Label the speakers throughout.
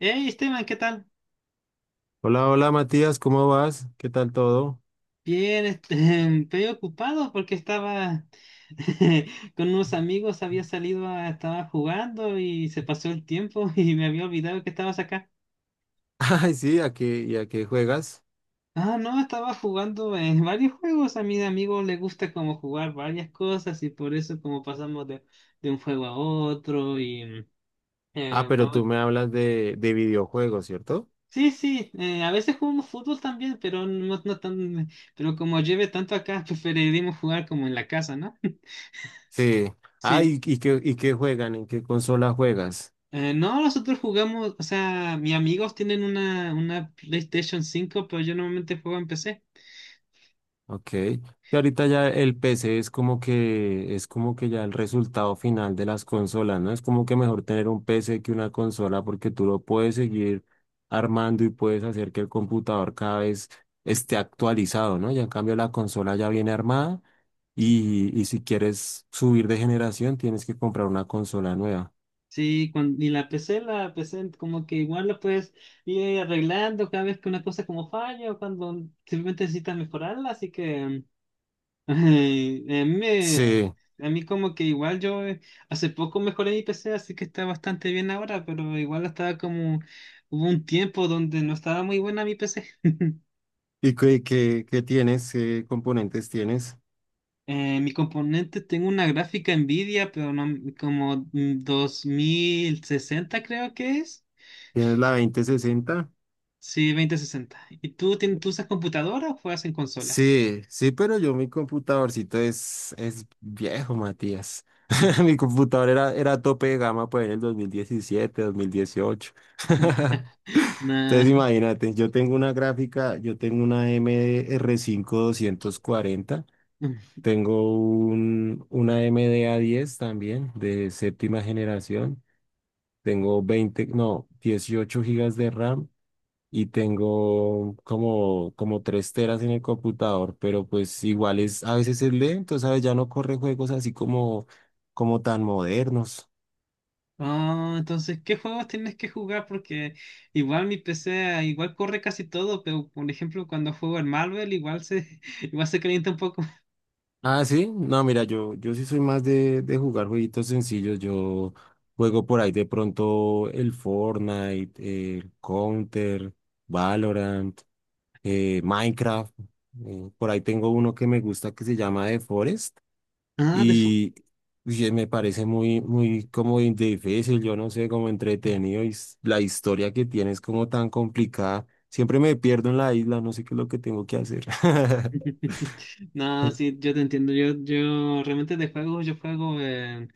Speaker 1: Hey Esteban, ¿qué tal?
Speaker 2: Hola, hola Matías, ¿cómo vas? ¿Qué tal todo?
Speaker 1: Bien, estoy ocupado porque estaba con unos amigos, había salido a, estaba jugando y se pasó el tiempo y me había olvidado que estabas acá.
Speaker 2: Ay, sí, ¿y a qué juegas?
Speaker 1: Ah, no, estaba jugando en varios juegos. A mis amigos les gusta como jugar varias cosas y por eso como pasamos de un juego a otro
Speaker 2: Ah,
Speaker 1: eh,
Speaker 2: pero
Speaker 1: no-
Speaker 2: tú me hablas de videojuegos, ¿cierto?
Speaker 1: sí, sí, a veces jugamos fútbol también, pero no, no tan, pero como lleve tanto acá, preferiremos jugar como en la casa, ¿no?
Speaker 2: Sí. Ah, ¿y,
Speaker 1: Sí.
Speaker 2: y qué, y qué juegan? ¿En qué consola juegas?
Speaker 1: No, nosotros jugamos, o sea, mis amigos tienen una PlayStation 5, pero yo normalmente juego en PC.
Speaker 2: Ok. Que ahorita ya el PC es como que ya el resultado final de las consolas, ¿no? Es como que mejor tener un PC que una consola porque tú lo puedes seguir armando y puedes hacer que el computador cada vez esté actualizado, ¿no? Ya en cambio la consola ya viene armada
Speaker 1: Sí.
Speaker 2: y si quieres subir de generación tienes que comprar una consola nueva.
Speaker 1: Sí, y la PC como que igual lo puedes ir arreglando cada vez que una cosa como falla o cuando simplemente necesitas mejorarla, así que eh, a mí, me-
Speaker 2: Sí.
Speaker 1: a mí como que igual yo hace poco mejoré mi PC, así que está bastante bien ahora, pero igual estaba como, hubo un tiempo donde no estaba muy buena mi PC.
Speaker 2: ¿Y qué tienes? ¿Qué componentes tienes?
Speaker 1: Mi componente, tengo una gráfica Nvidia, pero no, como 2060 creo que es.
Speaker 2: ¿Tienes la 2060?
Speaker 1: Sí, 2060. ¿Y tú usas computadora o juegas en consola?
Speaker 2: Sí, sí, pero yo mi computadorcito es viejo, Matías.
Speaker 1: No.
Speaker 2: Mi computador era tope de gama pues en el 2017, 2018.
Speaker 1: Nah.
Speaker 2: Entonces imagínate, yo tengo una gráfica, yo tengo una AMD r cinco doscientos cuarenta, tengo una A M D a diez también de séptima generación, tengo 20, no, 18 gigas de RAM y tengo como 3 teras en el computador, pero pues igual es, a veces es lento, ¿sabes? Ya no corre juegos así como tan modernos.
Speaker 1: Ah, entonces, ¿qué juegos tienes que jugar? Porque igual mi PC igual corre casi todo, pero por ejemplo cuando juego en Marvel igual se igual se calienta un poco.
Speaker 2: Ah, sí, no, mira, yo sí soy más de jugar jueguitos sencillos, yo juego por ahí de pronto el Fortnite, el Counter, Valorant, Minecraft, por ahí tengo uno que me gusta que se llama The Forest.
Speaker 1: Ah,
Speaker 2: Y oye, me parece muy, muy como difícil, yo no sé, como entretenido y la historia que tiene es como tan complicada. Siempre me pierdo en la isla, no sé qué es lo que tengo que hacer.
Speaker 1: no, sí, yo te entiendo. Yo realmente de juegos, yo juego.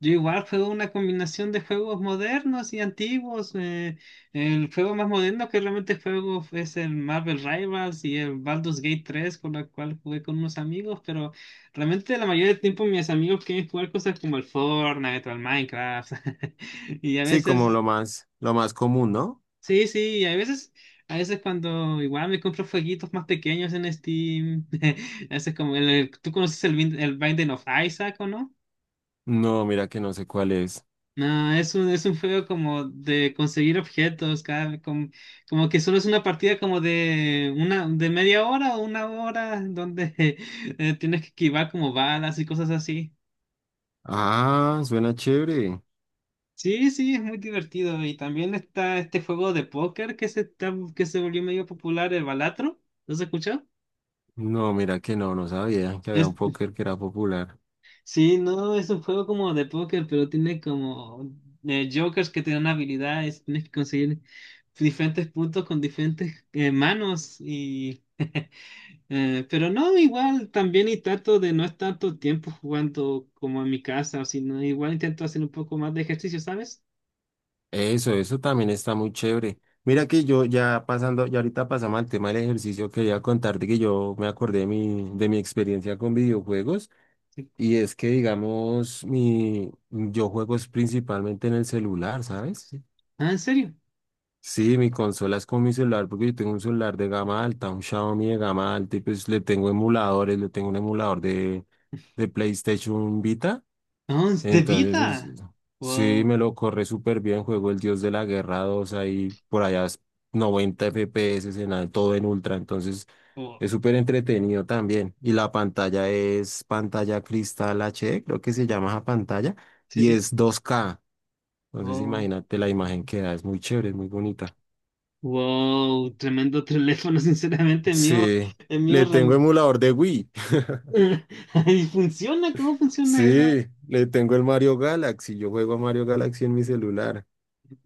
Speaker 1: Yo igual juego una combinación de juegos modernos y antiguos. El juego más moderno que realmente juego es el Marvel Rivals y el Baldur's Gate 3, con la cual jugué con unos amigos. Pero realmente la mayoría del tiempo mis amigos quieren jugar cosas como el Fortnite o el Minecraft. Y a
Speaker 2: Sí, como
Speaker 1: veces.
Speaker 2: lo más común, ¿no?
Speaker 1: Sí, sí, y a veces cuando igual me compro jueguitos más pequeños en Steam, ese es como tú conoces el Binding of Isaac, ¿o no?
Speaker 2: No, mira que no sé cuál es.
Speaker 1: No, es un juego como de conseguir objetos, cada, como, como que solo es una partida como de una, de media hora o una hora, donde tienes que esquivar como balas y cosas así.
Speaker 2: Ah, suena chévere.
Speaker 1: Sí, sí, es muy divertido. Y también está este juego de póker que que se volvió medio popular, el Balatro. ¿Lo has escuchado?
Speaker 2: No, mira que no sabía que había
Speaker 1: Es-
Speaker 2: un póker que era popular.
Speaker 1: Sí, no, es un juego como de póker, pero tiene como jokers que te dan habilidades, tienes que conseguir diferentes puntos con diferentes manos y pero no, igual también y trato de no estar tanto tiempo jugando como en mi casa, sino igual intento hacer un poco más de ejercicio, ¿sabes?
Speaker 2: Eso también está muy chévere. Mira que yo ya pasando, ya ahorita pasamos al tema del ejercicio, quería contarte que yo me acordé de mi experiencia con videojuegos
Speaker 1: Sí.
Speaker 2: y es que, digamos, yo juego es principalmente en el celular, ¿sabes? Sí.
Speaker 1: Ah, ¿en serio?
Speaker 2: Sí, mi consola es con mi celular porque yo tengo un celular de gama alta, un Xiaomi de gama alta y pues le tengo emuladores, le tengo un emulador de PlayStation Vita.
Speaker 1: Oh, es de
Speaker 2: Entonces, es-
Speaker 1: vida.
Speaker 2: sí,
Speaker 1: Wow,
Speaker 2: me lo corre súper bien. Juego el Dios de la Guerra 2 ahí, por allá es 90 FPS todo en ultra. Entonces,
Speaker 1: wow,
Speaker 2: es súper entretenido también. Y la pantalla es pantalla cristal HD, creo que se llama esa pantalla,
Speaker 1: sí,
Speaker 2: y
Speaker 1: sí,
Speaker 2: es 2K. Entonces,
Speaker 1: wow,
Speaker 2: imagínate la imagen que da, es muy chévere, es muy bonita.
Speaker 1: wow, tremendo teléfono, sinceramente, el mío,
Speaker 2: Sí,
Speaker 1: el mío.
Speaker 2: le tengo
Speaker 1: ram-
Speaker 2: emulador de Wii.
Speaker 1: ¿Y funciona? ¿Cómo funciona eso?
Speaker 2: Sí, le tengo el Mario Galaxy. Yo juego a Mario Galaxy en mi celular.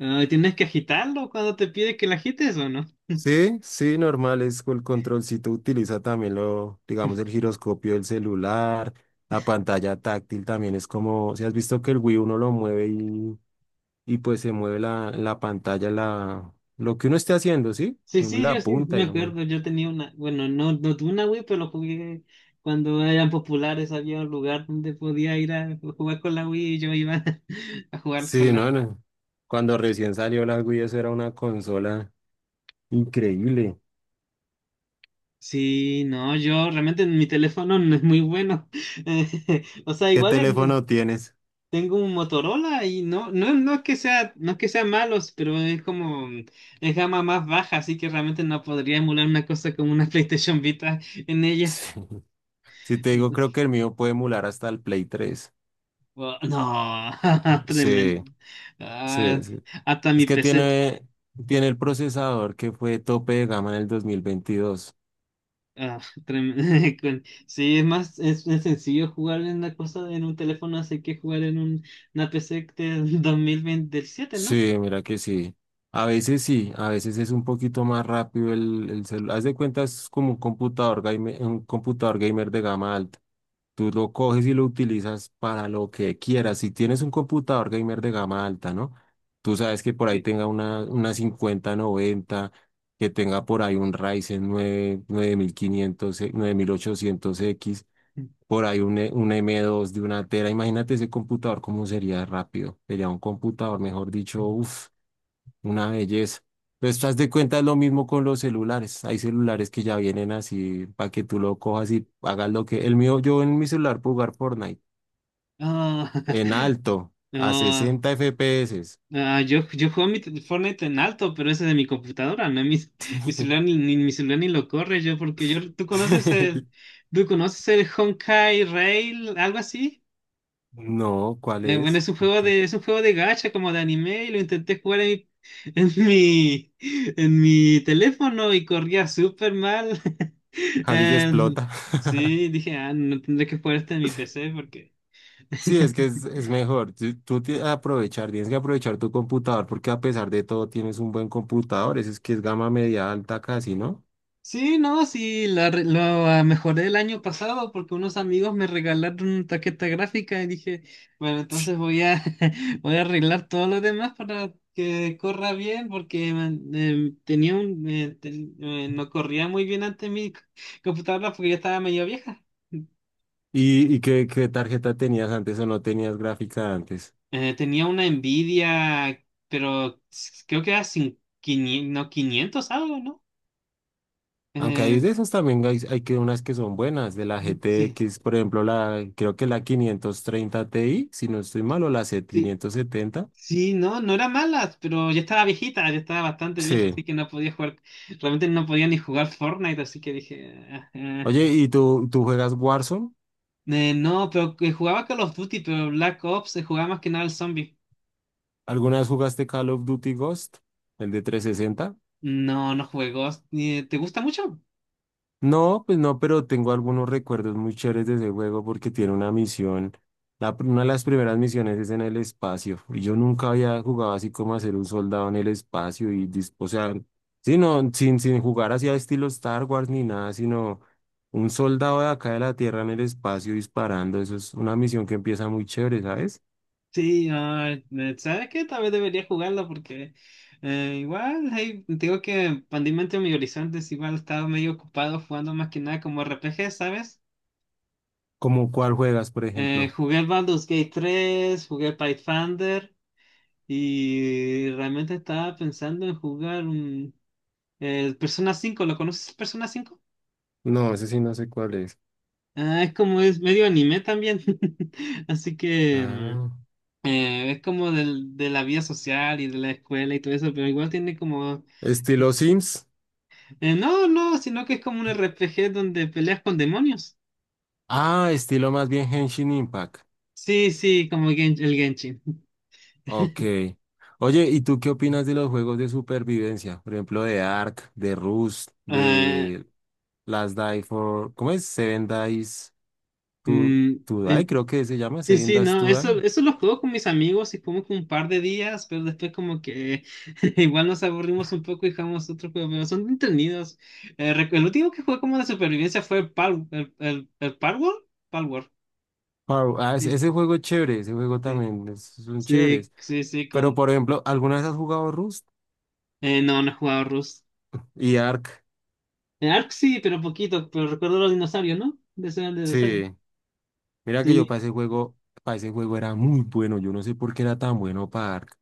Speaker 1: Ah, ¿tienes que agitarlo cuando te pide que lo agites o no?
Speaker 2: Sí, sí, normal, es el controlcito utiliza también lo, digamos, el giroscopio del celular, la pantalla táctil también es como, si has visto que el Wii uno lo mueve y pues se mueve la pantalla, lo que uno esté haciendo, ¿sí? Que
Speaker 1: Sí,
Speaker 2: uno
Speaker 1: sí,
Speaker 2: la
Speaker 1: yo sí
Speaker 2: apunta
Speaker 1: me
Speaker 2: y lo mueve.
Speaker 1: acuerdo. Yo tenía bueno, no, no tuve una Wii, pero lo jugué cuando eran populares. Había un lugar donde podía ir a jugar con la Wii y yo iba a jugar con
Speaker 2: Sí,
Speaker 1: la.
Speaker 2: no, no. Cuando recién salió la Wii, eso era una consola increíble.
Speaker 1: Sí, no, yo realmente mi teléfono no es muy bueno. O sea,
Speaker 2: ¿Qué
Speaker 1: igual es.
Speaker 2: teléfono tienes?
Speaker 1: Tengo un Motorola y no, no, no es que sea, no es que sean malos, pero es como, es gama más baja, así que realmente no podría emular una cosa como una PlayStation Vita en ella.
Speaker 2: Si te digo, creo que el mío puede emular hasta el Play 3.
Speaker 1: Oh, no,
Speaker 2: Sí,
Speaker 1: tremendo.
Speaker 2: sí,
Speaker 1: Ah,
Speaker 2: sí.
Speaker 1: hasta
Speaker 2: Es
Speaker 1: mi
Speaker 2: que
Speaker 1: PC.
Speaker 2: tiene el procesador que fue tope de gama en el 2022.
Speaker 1: Ah, sí, es más, es sencillo jugar en una cosa en un teléfono, así que jugar en una PC del 2027, ¿no?
Speaker 2: Sí, mira que sí. A veces sí, a veces es un poquito más rápido el celular. Haz de cuenta, es como un computador gamer de gama alta. Tú lo coges y lo utilizas para lo que quieras. Si tienes un computador gamer de gama alta, ¿no? Tú sabes que por ahí
Speaker 1: Sí.
Speaker 2: tenga una 5090, que tenga por ahí un Ryzen nueve nueve mil quinientos nueve mil ochocientos x, por ahí un M2 de 1 tera. Imagínate ese computador cómo sería rápido. Sería un computador, mejor dicho, uff, una belleza. Pero estás de cuenta es lo mismo con los celulares. Hay celulares que ya vienen así para que tú lo cojas y hagas lo que... El mío, yo en mi celular puedo jugar Fortnite
Speaker 1: Ah,
Speaker 2: en alto, a
Speaker 1: no.
Speaker 2: 60 FPS.
Speaker 1: Ah, yo juego mi Fortnite en alto, pero ese de mi computadora, no mi, mi celular ni lo corre yo, porque yo, ¿tú conoces el Honkai Rail, algo así?
Speaker 2: No, ¿cuál
Speaker 1: Bueno,
Speaker 2: es?
Speaker 1: es un juego de, es un juego de gacha como de anime y lo intenté jugar en mi, en mi teléfono y corría súper mal.
Speaker 2: Casi se
Speaker 1: Eh,
Speaker 2: explota.
Speaker 1: sí, dije, ah, no tendré que jugar este en mi PC porque.
Speaker 2: Sí, es que es mejor. Tú tienes que aprovechar tu computador porque a pesar de todo tienes un buen computador. Ese es que es gama media alta casi, ¿no?
Speaker 1: Sí, no, sí, la mejoré el año pasado porque unos amigos me regalaron una tarjeta gráfica y dije, bueno, entonces voy a arreglar todo lo demás para que corra bien, porque man, no corría muy bien antes computadora porque ya estaba medio vieja.
Speaker 2: ¿Y qué tarjeta tenías antes o no tenías gráfica antes?
Speaker 1: Tenía una Nvidia, pero creo que era sin, 500, no, 500 algo, ¿no?
Speaker 2: Aunque hay
Speaker 1: Eh,
Speaker 2: de esas también hay que unas que son buenas, de la G T
Speaker 1: sí.
Speaker 2: X, por ejemplo, creo que la 530 Ti, si no estoy mal, o la C
Speaker 1: Sí.
Speaker 2: 570.
Speaker 1: Sí, no, no era mala, pero ya estaba viejita, ya estaba bastante vieja,
Speaker 2: Sí.
Speaker 1: así que no podía jugar, realmente no podía ni jugar Fortnite, así que dije, "Ah, ah".
Speaker 2: Oye, ¿y tú juegas Warzone?
Speaker 1: No, pero que jugaba Call of Duty, pero Black Ops se jugaba más que nada al zombie.
Speaker 2: ¿Alguna vez jugaste Call of Duty Ghost, el de 360?
Speaker 1: No, no jugué Ghost. ¿Te gusta mucho?
Speaker 2: No, pues no, pero tengo algunos recuerdos muy chéveres de ese juego porque tiene una misión. Una de las primeras misiones es en el espacio. Y yo nunca había jugado así como a ser un soldado en el espacio o sea, sí, no, sin jugar así a estilo Star Wars ni nada, sino un soldado de acá de la Tierra en el espacio disparando. Eso es una misión que empieza muy chévere, ¿sabes?
Speaker 1: Sí, ah, ¿sabes qué? Tal vez debería jugarlo porque igual, hey, tengo que expandir mi mente, mis horizontes, igual estaba medio ocupado jugando más que nada como RPG, ¿sabes?
Speaker 2: Como cuál juegas, por ejemplo.
Speaker 1: Jugué el Baldur's Gate 3, jugué Pathfinder. Y realmente estaba pensando en jugar un Persona 5. ¿Lo conoces Persona 5?
Speaker 2: No, ese sí no sé cuál es.
Speaker 1: Ah, es como es medio anime también. Así que
Speaker 2: Ah,
Speaker 1: es como del, de la vida social y de la escuela y todo eso, pero igual tiene como
Speaker 2: estilo Sims.
Speaker 1: no, no, sino que es como un RPG donde peleas con demonios.
Speaker 2: Ah, estilo más bien Henshin Impact.
Speaker 1: Sí, sí, como el Genshin.
Speaker 2: Ok. Oye, ¿y tú qué opinas de los juegos de supervivencia? Por ejemplo, de Ark, de Rust,
Speaker 1: Ah,
Speaker 2: de Last Die for... ¿Cómo es? Seven Dies to,
Speaker 1: mm,
Speaker 2: to Die,
Speaker 1: el-
Speaker 2: creo que se llama
Speaker 1: sí,
Speaker 2: Seven
Speaker 1: sí,
Speaker 2: Dies
Speaker 1: no,
Speaker 2: to Die.
Speaker 1: eso lo juego con mis amigos y como que un par de días, pero después como que igual nos aburrimos un poco y jugamos otro juego, pero son entretenidos. El último que jugué como de supervivencia fue el Palworld, Palworld.
Speaker 2: Ah, ese,
Speaker 1: Sí,
Speaker 2: ese juego es chévere, ese juego
Speaker 1: sí,
Speaker 2: también es, son
Speaker 1: sí,
Speaker 2: chéveres.
Speaker 1: sí, sí,
Speaker 2: Pero, por ejemplo, ¿alguna vez has jugado Rust
Speaker 1: no, no he jugado Rust.
Speaker 2: y Ark?
Speaker 1: En Ark sí, pero poquito, pero recuerdo los dinosaurios, ¿no? De ser el dinosaurio,
Speaker 2: Sí. Mira que yo
Speaker 1: sí.
Speaker 2: para ese juego era muy bueno. Yo no sé por qué era tan bueno para Ark.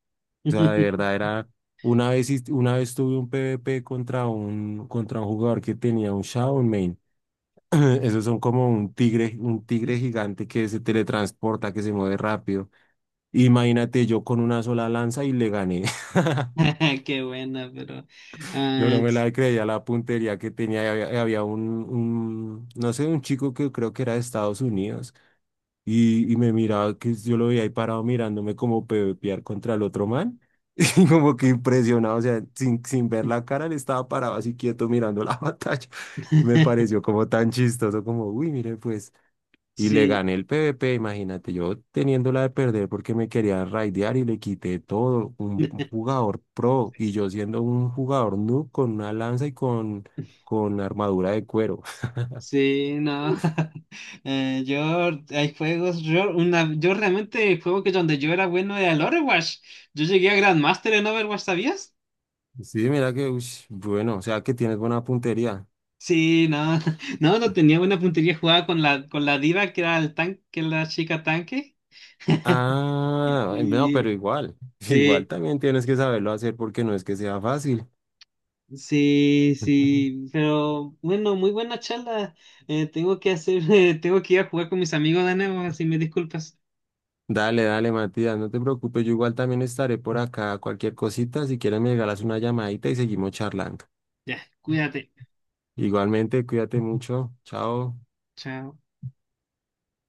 Speaker 2: O sea, de verdad era, una vez, una vez tuve un PvP contra un jugador que tenía un Shadow Main. Esos son como un tigre gigante que se teletransporta, que se mueve rápido. Imagínate yo con una sola lanza y le gané.
Speaker 1: Qué buena, pero...
Speaker 2: No, no
Speaker 1: ah,
Speaker 2: me la creía la puntería que tenía. Y había un, no sé, un chico que creo que era de Estados Unidos. Y me miraba, que yo lo veía ahí parado mirándome como pepear contra el otro man. Y como que impresionado, o sea, sin ver la cara, él estaba parado así quieto mirando la batalla. Me pareció como tan chistoso, como, uy, mire, pues. Y le
Speaker 1: sí.
Speaker 2: gané el PvP, imagínate, yo teniéndola de perder porque me quería raidear y le quité todo. Un jugador pro y yo siendo un jugador noob con una lanza y con armadura de cuero.
Speaker 1: Sí, no. Eh, yo, hay juegos, yo realmente el juego que donde yo era bueno era el Overwatch. Yo llegué a Grandmaster en Overwatch, ¿sabías?
Speaker 2: Sí, mira que, uy, bueno, o sea que tienes buena puntería.
Speaker 1: Sí, no, no, no tenía buena puntería jugada con con la diva que era el tanque, que era la chica tanque.
Speaker 2: Ah, no,
Speaker 1: Y,
Speaker 2: pero igual, igual
Speaker 1: sí,
Speaker 2: también tienes que saberlo hacer porque no es que sea fácil.
Speaker 1: sí, sí, pero bueno, muy buena charla. Tengo que ir a jugar con mis amigos de nuevo, así me disculpas.
Speaker 2: Dale, dale, Matías, no te preocupes, yo igual también estaré por acá. Cualquier cosita, si quieres me regalas una llamadita y seguimos charlando.
Speaker 1: Ya, cuídate.
Speaker 2: Igualmente, cuídate mucho. Chao.
Speaker 1: Chao.